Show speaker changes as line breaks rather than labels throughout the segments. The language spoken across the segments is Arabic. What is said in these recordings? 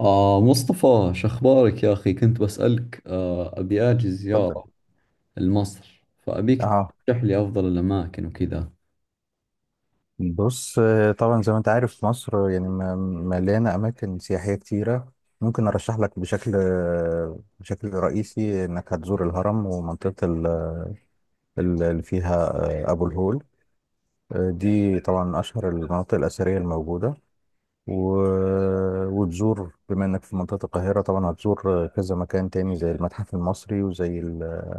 مصطفى، شخبارك يا أخي؟ كنت بسألك، أبي أجي
اتفضل.
زيارة لمصر، فأبيك
اه،
ترشح لي أفضل الأماكن وكذا.
بص. طبعا زي ما انت عارف مصر يعني مليانه اماكن سياحيه كتيره. ممكن ارشح لك بشكل رئيسي انك هتزور الهرم ومنطقه اللي فيها ابو الهول. دي طبعا من اشهر المناطق الاثريه الموجوده. وتزور بما انك في منطقه القاهره طبعا هتزور كذا مكان تاني زي المتحف المصري وزي ال-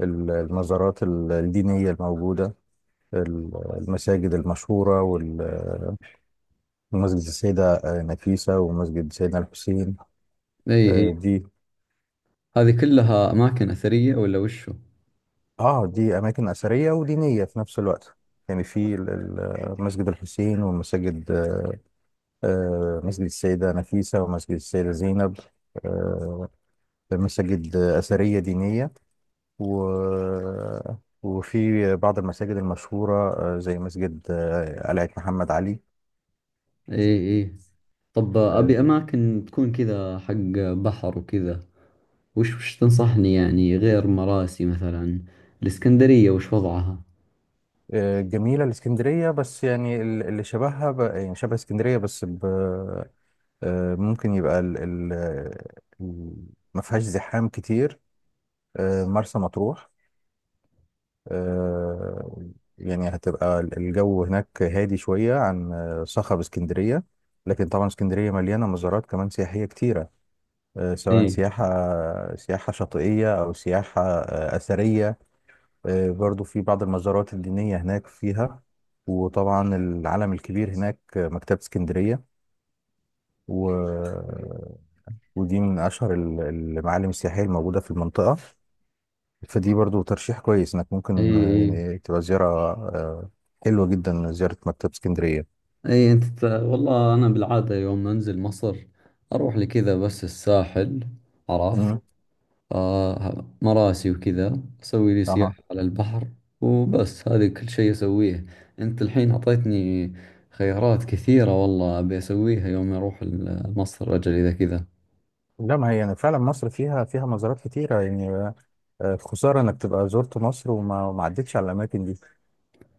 ال- المزارات الدينيه الموجوده، المساجد المشهوره، مسجد السيدة نفيسة ومسجد سيدنا الحسين.
إي إي،
آه، دي
هذه كلها أماكن أثرية ولا وشو؟
اه، دي أماكن أثرية ودينية في نفس الوقت. يعني في مسجد الحسين ومساجد مسجد السيدة نفيسة ومسجد السيدة زينب. آه، مساجد أثرية دينية، و وفي بعض المساجد المشهورة زي مسجد قلعة محمد علي.
إي إي. طب،
آه،
أبي أماكن تكون كذا، حق بحر وكذا. وش تنصحني يعني غير مراسي مثلا؟ الإسكندرية وش وضعها؟
جميلة الإسكندرية بس يعني اللي شبهها يعني شبه اسكندرية بس. ممكن يبقى ال- ما فيهاش زحام كتير. مرسى مطروح. آه، يعني هتبقى الجو هناك هادي شوية عن صخب اسكندرية. لكن طبعا اسكندرية مليانة مزارات كمان سياحية كتيرة، سواء
إي
سياحة شاطئية أو سياحة أثرية. برضو في بعض المزارات الدينية هناك فيها، وطبعا العلم الكبير هناك مكتبة اسكندرية. ودي من اشهر المعالم السياحيه الموجوده في المنطقه. فدي برضو ترشيح كويس انك
إي،
ممكن
إي
يعني تبقى زياره. آه، حلوه جدا زياره مكتبه اسكندريه.
إي. والله أنا بالعادة يوم أنزل مصر أروح لكذا، بس الساحل، عرفت،
مم.
آه مراسي وكذا، أسوي لي
اها.
سياحة على البحر، وبس هذه كل شيء أسويه. أنت الحين أعطيتني خيارات كثيرة، والله أبي أسويها يوم أروح مصر، أجل إذا كذا.
لا، ما هي يعني فعلا مصر فيها مزارات كتيره يعني. خساره انك تبقى زرت مصر وما ما عدتش على الاماكن دي،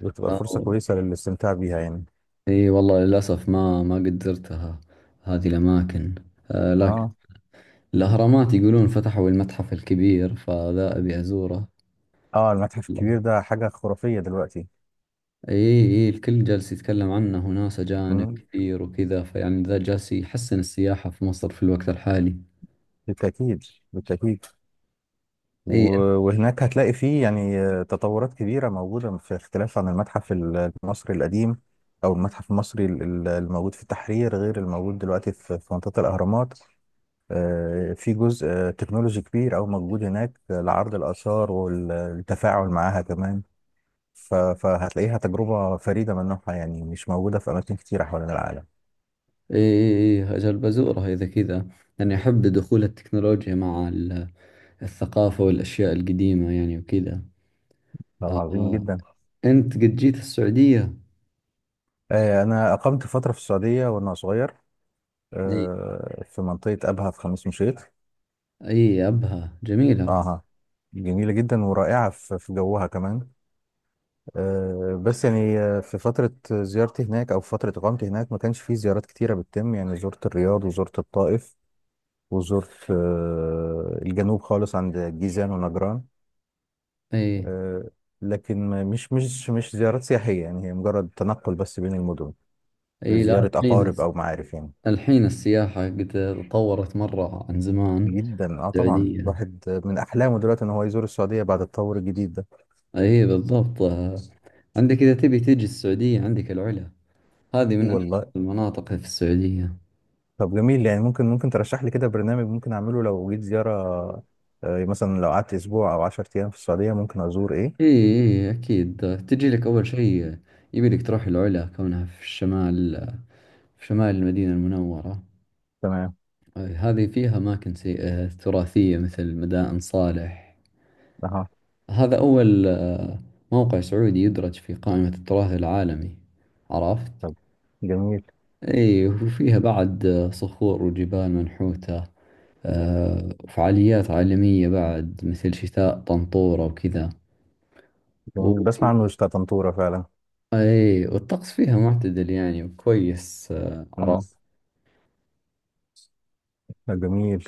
بتبقى فرصه
آه،
كويسه للاستمتاع بيها يعني.
إي والله للأسف ما قد زرتها هذه الأماكن. آه، لكن
اه،
الأهرامات يقولون فتحوا المتحف الكبير، فذا أبي أزوره.
اه، المتحف
والله،
الكبير ده حاجه خرافيه دلوقتي.
إي إي، الكل جالس يتكلم عنه، وناس أجانب
مم.
كثير وكذا، فيعني ذا جالس يحسن السياحة في مصر في الوقت الحالي.
بالتاكيد، بالتاكيد.
اي
وهناك هتلاقي فيه يعني تطورات كبيرة موجودة في اختلاف عن المتحف المصري القديم، أو المتحف المصري الموجود في التحرير غير الموجود دلوقتي في منطقة الأهرامات. في جزء تكنولوجي كبير أو موجود هناك لعرض الآثار والتفاعل معاها كمان. فهتلاقيها تجربة فريدة من نوعها يعني مش موجودة في أماكن كتيرة حوالين العالم.
اي، اجل بزوره اذا كذا، لاني احب دخول التكنولوجيا مع الثقافة والاشياء القديمة يعني وكذا.
طب عظيم
آه.
جدا.
انت قد جيت السعودية؟
أنا أقمت فترة في السعودية وأنا صغير،
اي
في منطقة أبها في خميس مشيط.
اي، ابها جميلة ابها.
اها. جميلة جدا ورائعة في جوها كمان. بس يعني في فترة زيارتي هناك أو في فترة إقامتي هناك ما كانش في زيارات كتيرة بتتم، يعني زرت الرياض وزرت الطائف وزرت الجنوب خالص عند جيزان ونجران.
اي
آه، لكن مش زيارات سياحية، يعني هي مجرد تنقل بس بين المدن
اي. لا،
لزيارة
الحين
أقارب أو معارف يعني.
السياحة قد تطورت مرة عن زمان.
جدا، اه، طبعا
السعودية،
الواحد من أحلامه دلوقتي إن هو يزور السعودية بعد التطور الجديد ده.
اي بالضبط. آه. عندك، اذا تبي تجي السعودية، عندك العلا، هذه من اجمل
والله.
المناطق في السعودية.
طب جميل يعني. ممكن ترشح لي كده برنامج ممكن اعمله لو جيت زيارة، يعني مثلا لو قعدت اسبوع او 10 ايام في السعودية ممكن ازور ايه؟
إيه إيه إيه، أكيد تجي لك أول شيء يبي لك تروح العلا، كونها في الشمال، في شمال المدينة المنورة.
تمام.
هذه فيها أماكن تراثية مثل مدائن صالح.
اها.
هذا أول موقع سعودي يدرج في قائمة التراث العالمي، عرفت؟
طب جميل.
إيه، وفيها بعد صخور وجبال منحوتة، وفعاليات عالمية بعد مثل شتاء طنطورة وكذا.
جميل، بسمع عنه بتاع طنطورة فعلا.
اي، والطقس فيها معتدل يعني وكويس،
امم.
عرفت.
طب جميل.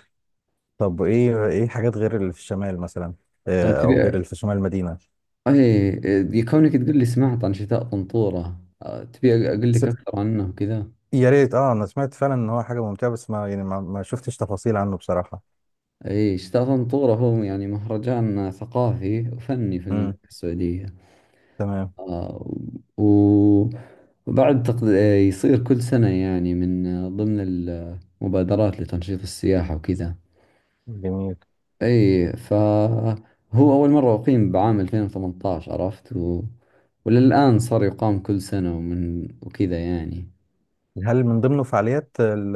طب ايه حاجات غير اللي في الشمال مثلا، او
تبي،
غير اللي في شمال المدينة؟
اي، كونك تقول لي سمعت عن شتاء طنطورة، تبي اقول
س-
لك اكثر عنه وكذا.
يا ريت. اه، انا سمعت فعلا ان هو حاجة ممتعة بس ما يعني ما شفتش تفاصيل عنه بصراحة.
اي، شتاء طنطورة هو يعني مهرجان ثقافي وفني في
امم.
المملكة السعودية.
تمام.
آه، و- وبعد تقد... آه، يصير كل سنة يعني، من ضمن المبادرات لتنشيط السياحة وكذا.
جميل.
اي، فهو اول مرة اقيم بعام 2018، عرفت، وللآن صار يقام كل سنة ومن وكذا يعني.
هل من ضمن فعاليات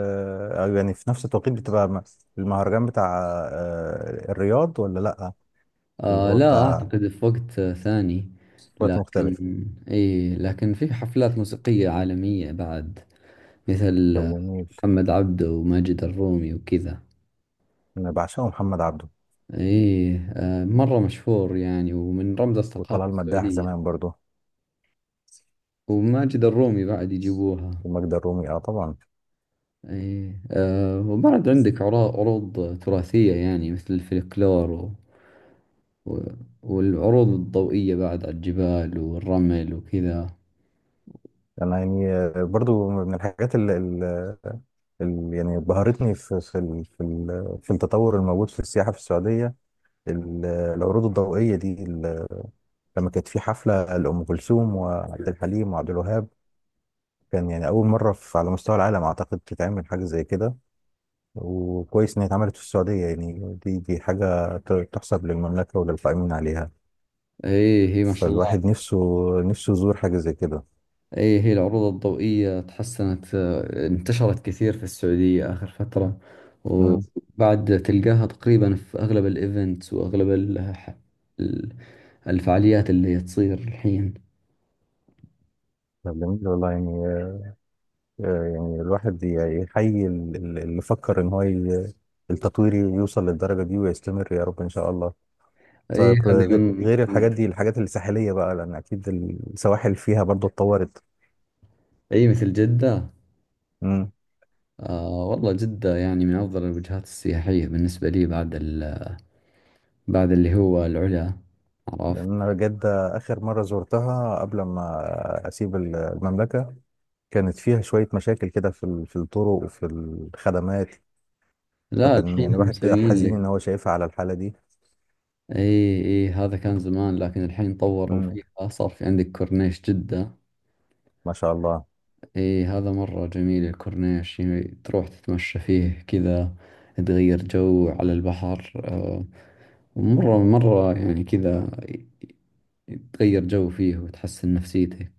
أو يعني في نفس التوقيت بتبقى المهرجان بتاع الرياض، ولا لأ؟ اللي
آه،
هو
لا
بتاع
اعتقد، في وقت ثاني.
وقت
لكن،
مختلف.
اي، لكن في حفلات موسيقية عالمية بعد مثل
طب جميل.
محمد عبده وماجد الرومي وكذا.
أنا بعشقه محمد عبده.
اي، آه مرة مشهور يعني، ومن رمز الثقافة
وطلال مداح زمان
السعودية.
برضه.
وماجد الرومي بعد يجيبوها.
وماجدة الرومي، اه، طبعا.
اي، أه، وبعد عندك عروض تراثية يعني مثل الفلكلور و... والعروض الضوئية بعد على الجبال والرمل وكذا.
أنا يعني برضه من الحاجات اللي يعني بهرتني في التطور الموجود في السياحة في السعودية، العروض الضوئية دي. لما كانت في حفلة لأم كلثوم وعبد الحليم وعبد الوهاب كان يعني أول مرة على مستوى العالم أعتقد تتعمل حاجة زي كده. وكويس إن هي اتعملت في السعودية. يعني دي حاجة تحسب للمملكة وللقائمين عليها.
اي، هي ما شاء
فالواحد
الله.
نفسه يزور حاجة زي كده.
اي، هي العروض الضوئية تحسنت، انتشرت كثير في السعودية آخر فترة.
مم.
وبعد تلقاها تقريبا في أغلب الايفنتس وأغلب ال- الفعاليات اللي تصير الحين.
طب جميل والله يعني. يعني الواحد يحيي اللي فكر إن هو التطوير يوصل للدرجة دي ويستمر يا رب إن شاء الله.
اي،
طيب،
هذه
غير الحاجات دي، الحاجات الساحلية بقى، لأن أكيد السواحل فيها برضو اتطورت.
اي مثل جدة.
مم.
آه والله، جدة يعني من أفضل الوجهات السياحية بالنسبة لي بعد بعد اللي هو العلا، عرفت.
لأن أنا جدة آخر مرة زرتها قبل ما أسيب المملكة كانت فيها شوية مشاكل كده في في الطرق وفي الخدمات.
لا،
فكان يعني
الحين
الواحد كده
مسويين
حزين
لك.
إن هو شايفها على الحالة دي.
اي اي، هذا كان زمان، لكن الحين طوروا
مم.
فيها، صار في عندك كورنيش جدة.
ما شاء الله.
اي، هذا مرة جميل الكورنيش، يعني تروح تتمشى فيه كذا، تغير جو على البحر، آه، مرة مرة يعني كذا، تغير جو فيه وتحسن نفسيتك.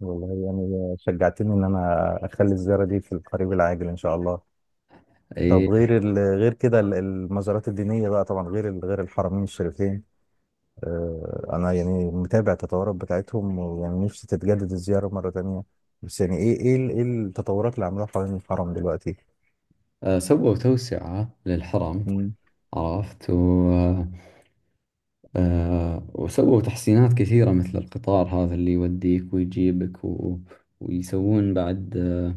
والله يعني شجعتني إن أنا أخلي الزيارة دي في القريب العاجل إن شاء الله.
اي،
طب غير غير كده المزارات الدينية بقى، طبعا غير غير الحرمين الشريفين. انا يعني متابع التطورات بتاعتهم، ويعني نفسي تتجدد الزياره مره تانية. بس يعني ايه التطورات اللي عملوها حوالين الحرم دلوقتي؟
آه سووا توسعة للحرم،
مم.
عرفت، و، آه، وسووا تحسينات كثيرة مثل القطار هذا اللي يوديك ويجيبك ويسوون بعد آه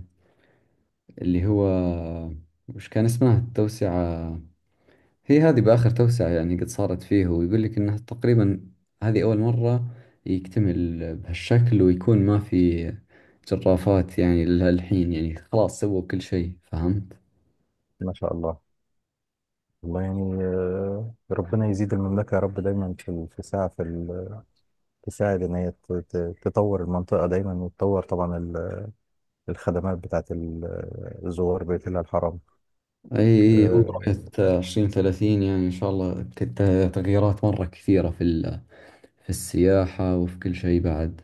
اللي هو، وش كان اسمها التوسعة. هي هذه بآخر توسعة يعني قد صارت فيه، ويقول لك إنها تقريبا هذه أول مرة يكتمل بهالشكل، ويكون ما في جرافات يعني للحين، يعني خلاص سووا كل شيء، فهمت؟
ما شاء الله. والله يعني ربنا يزيد المملكه يا رب دايما في في ساعه في تساعد ان هي تطور المنطقه دايما، وتطور طبعا الخدمات بتاعت الزوار بيت الله الحرام.
أي أي، هو
آه،
رؤية عشرين ثلاثين يعني، إن شاء الله تغييرات مرة كثيرة في السياحة وفي كل شيء بعد.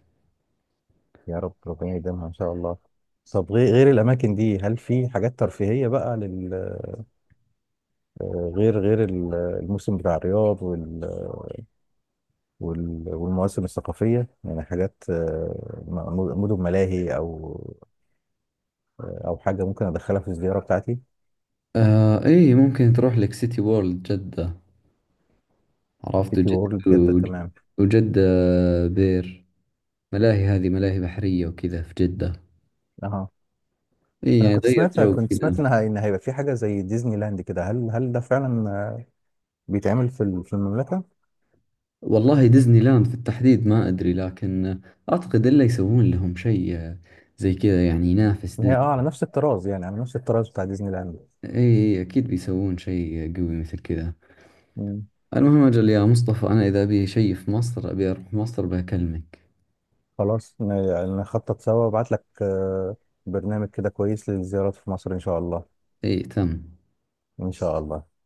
يا رب ربنا يديمها ان شاء الله. طب غير الاماكن دي هل في حاجات ترفيهيه بقى، غير الموسم بتاع الرياض والمواسم الثقافية؟ يعني حاجات مدن ملاهي أو حاجة ممكن أدخلها في الزيارة بتاعتي.
آه إيه، ممكن تروح لك سيتي وورلد جدة، عرفت.
سيتي
وجدة،
وورلد جدة، تمام.
وجدة بير ملاهي، هذه ملاهي بحرية وكذا في جدة.
أها.
إيه
أنا
يعني
كنت
غير
سمعت،
جو كذا.
إن هيبقى في حاجة زي ديزني لاند كده. هل ده فعلا بيتعمل في في المملكة؟
والله، ديزني لاند في التحديد ما أدري، لكن أعتقد إلا يسوون لهم شيء زي كذا يعني، ينافس
هي، أه، على
ديزني.
نفس الطراز، يعني على نفس الطراز بتاع ديزني لاند.
إيه إيه، إيه، أكيد بيسوون شيء قوي مثل كذا.
مم.
المهم أجل يا مصطفى، أنا إذا أبي شيء في مصر، أبي أروح مصر بكلمك.
خلاص. يعني نخطط سوا وأبعت لك برنامج كده كويس للزيارات في مصر إن شاء الله.
إيه تم.
إن شاء الله.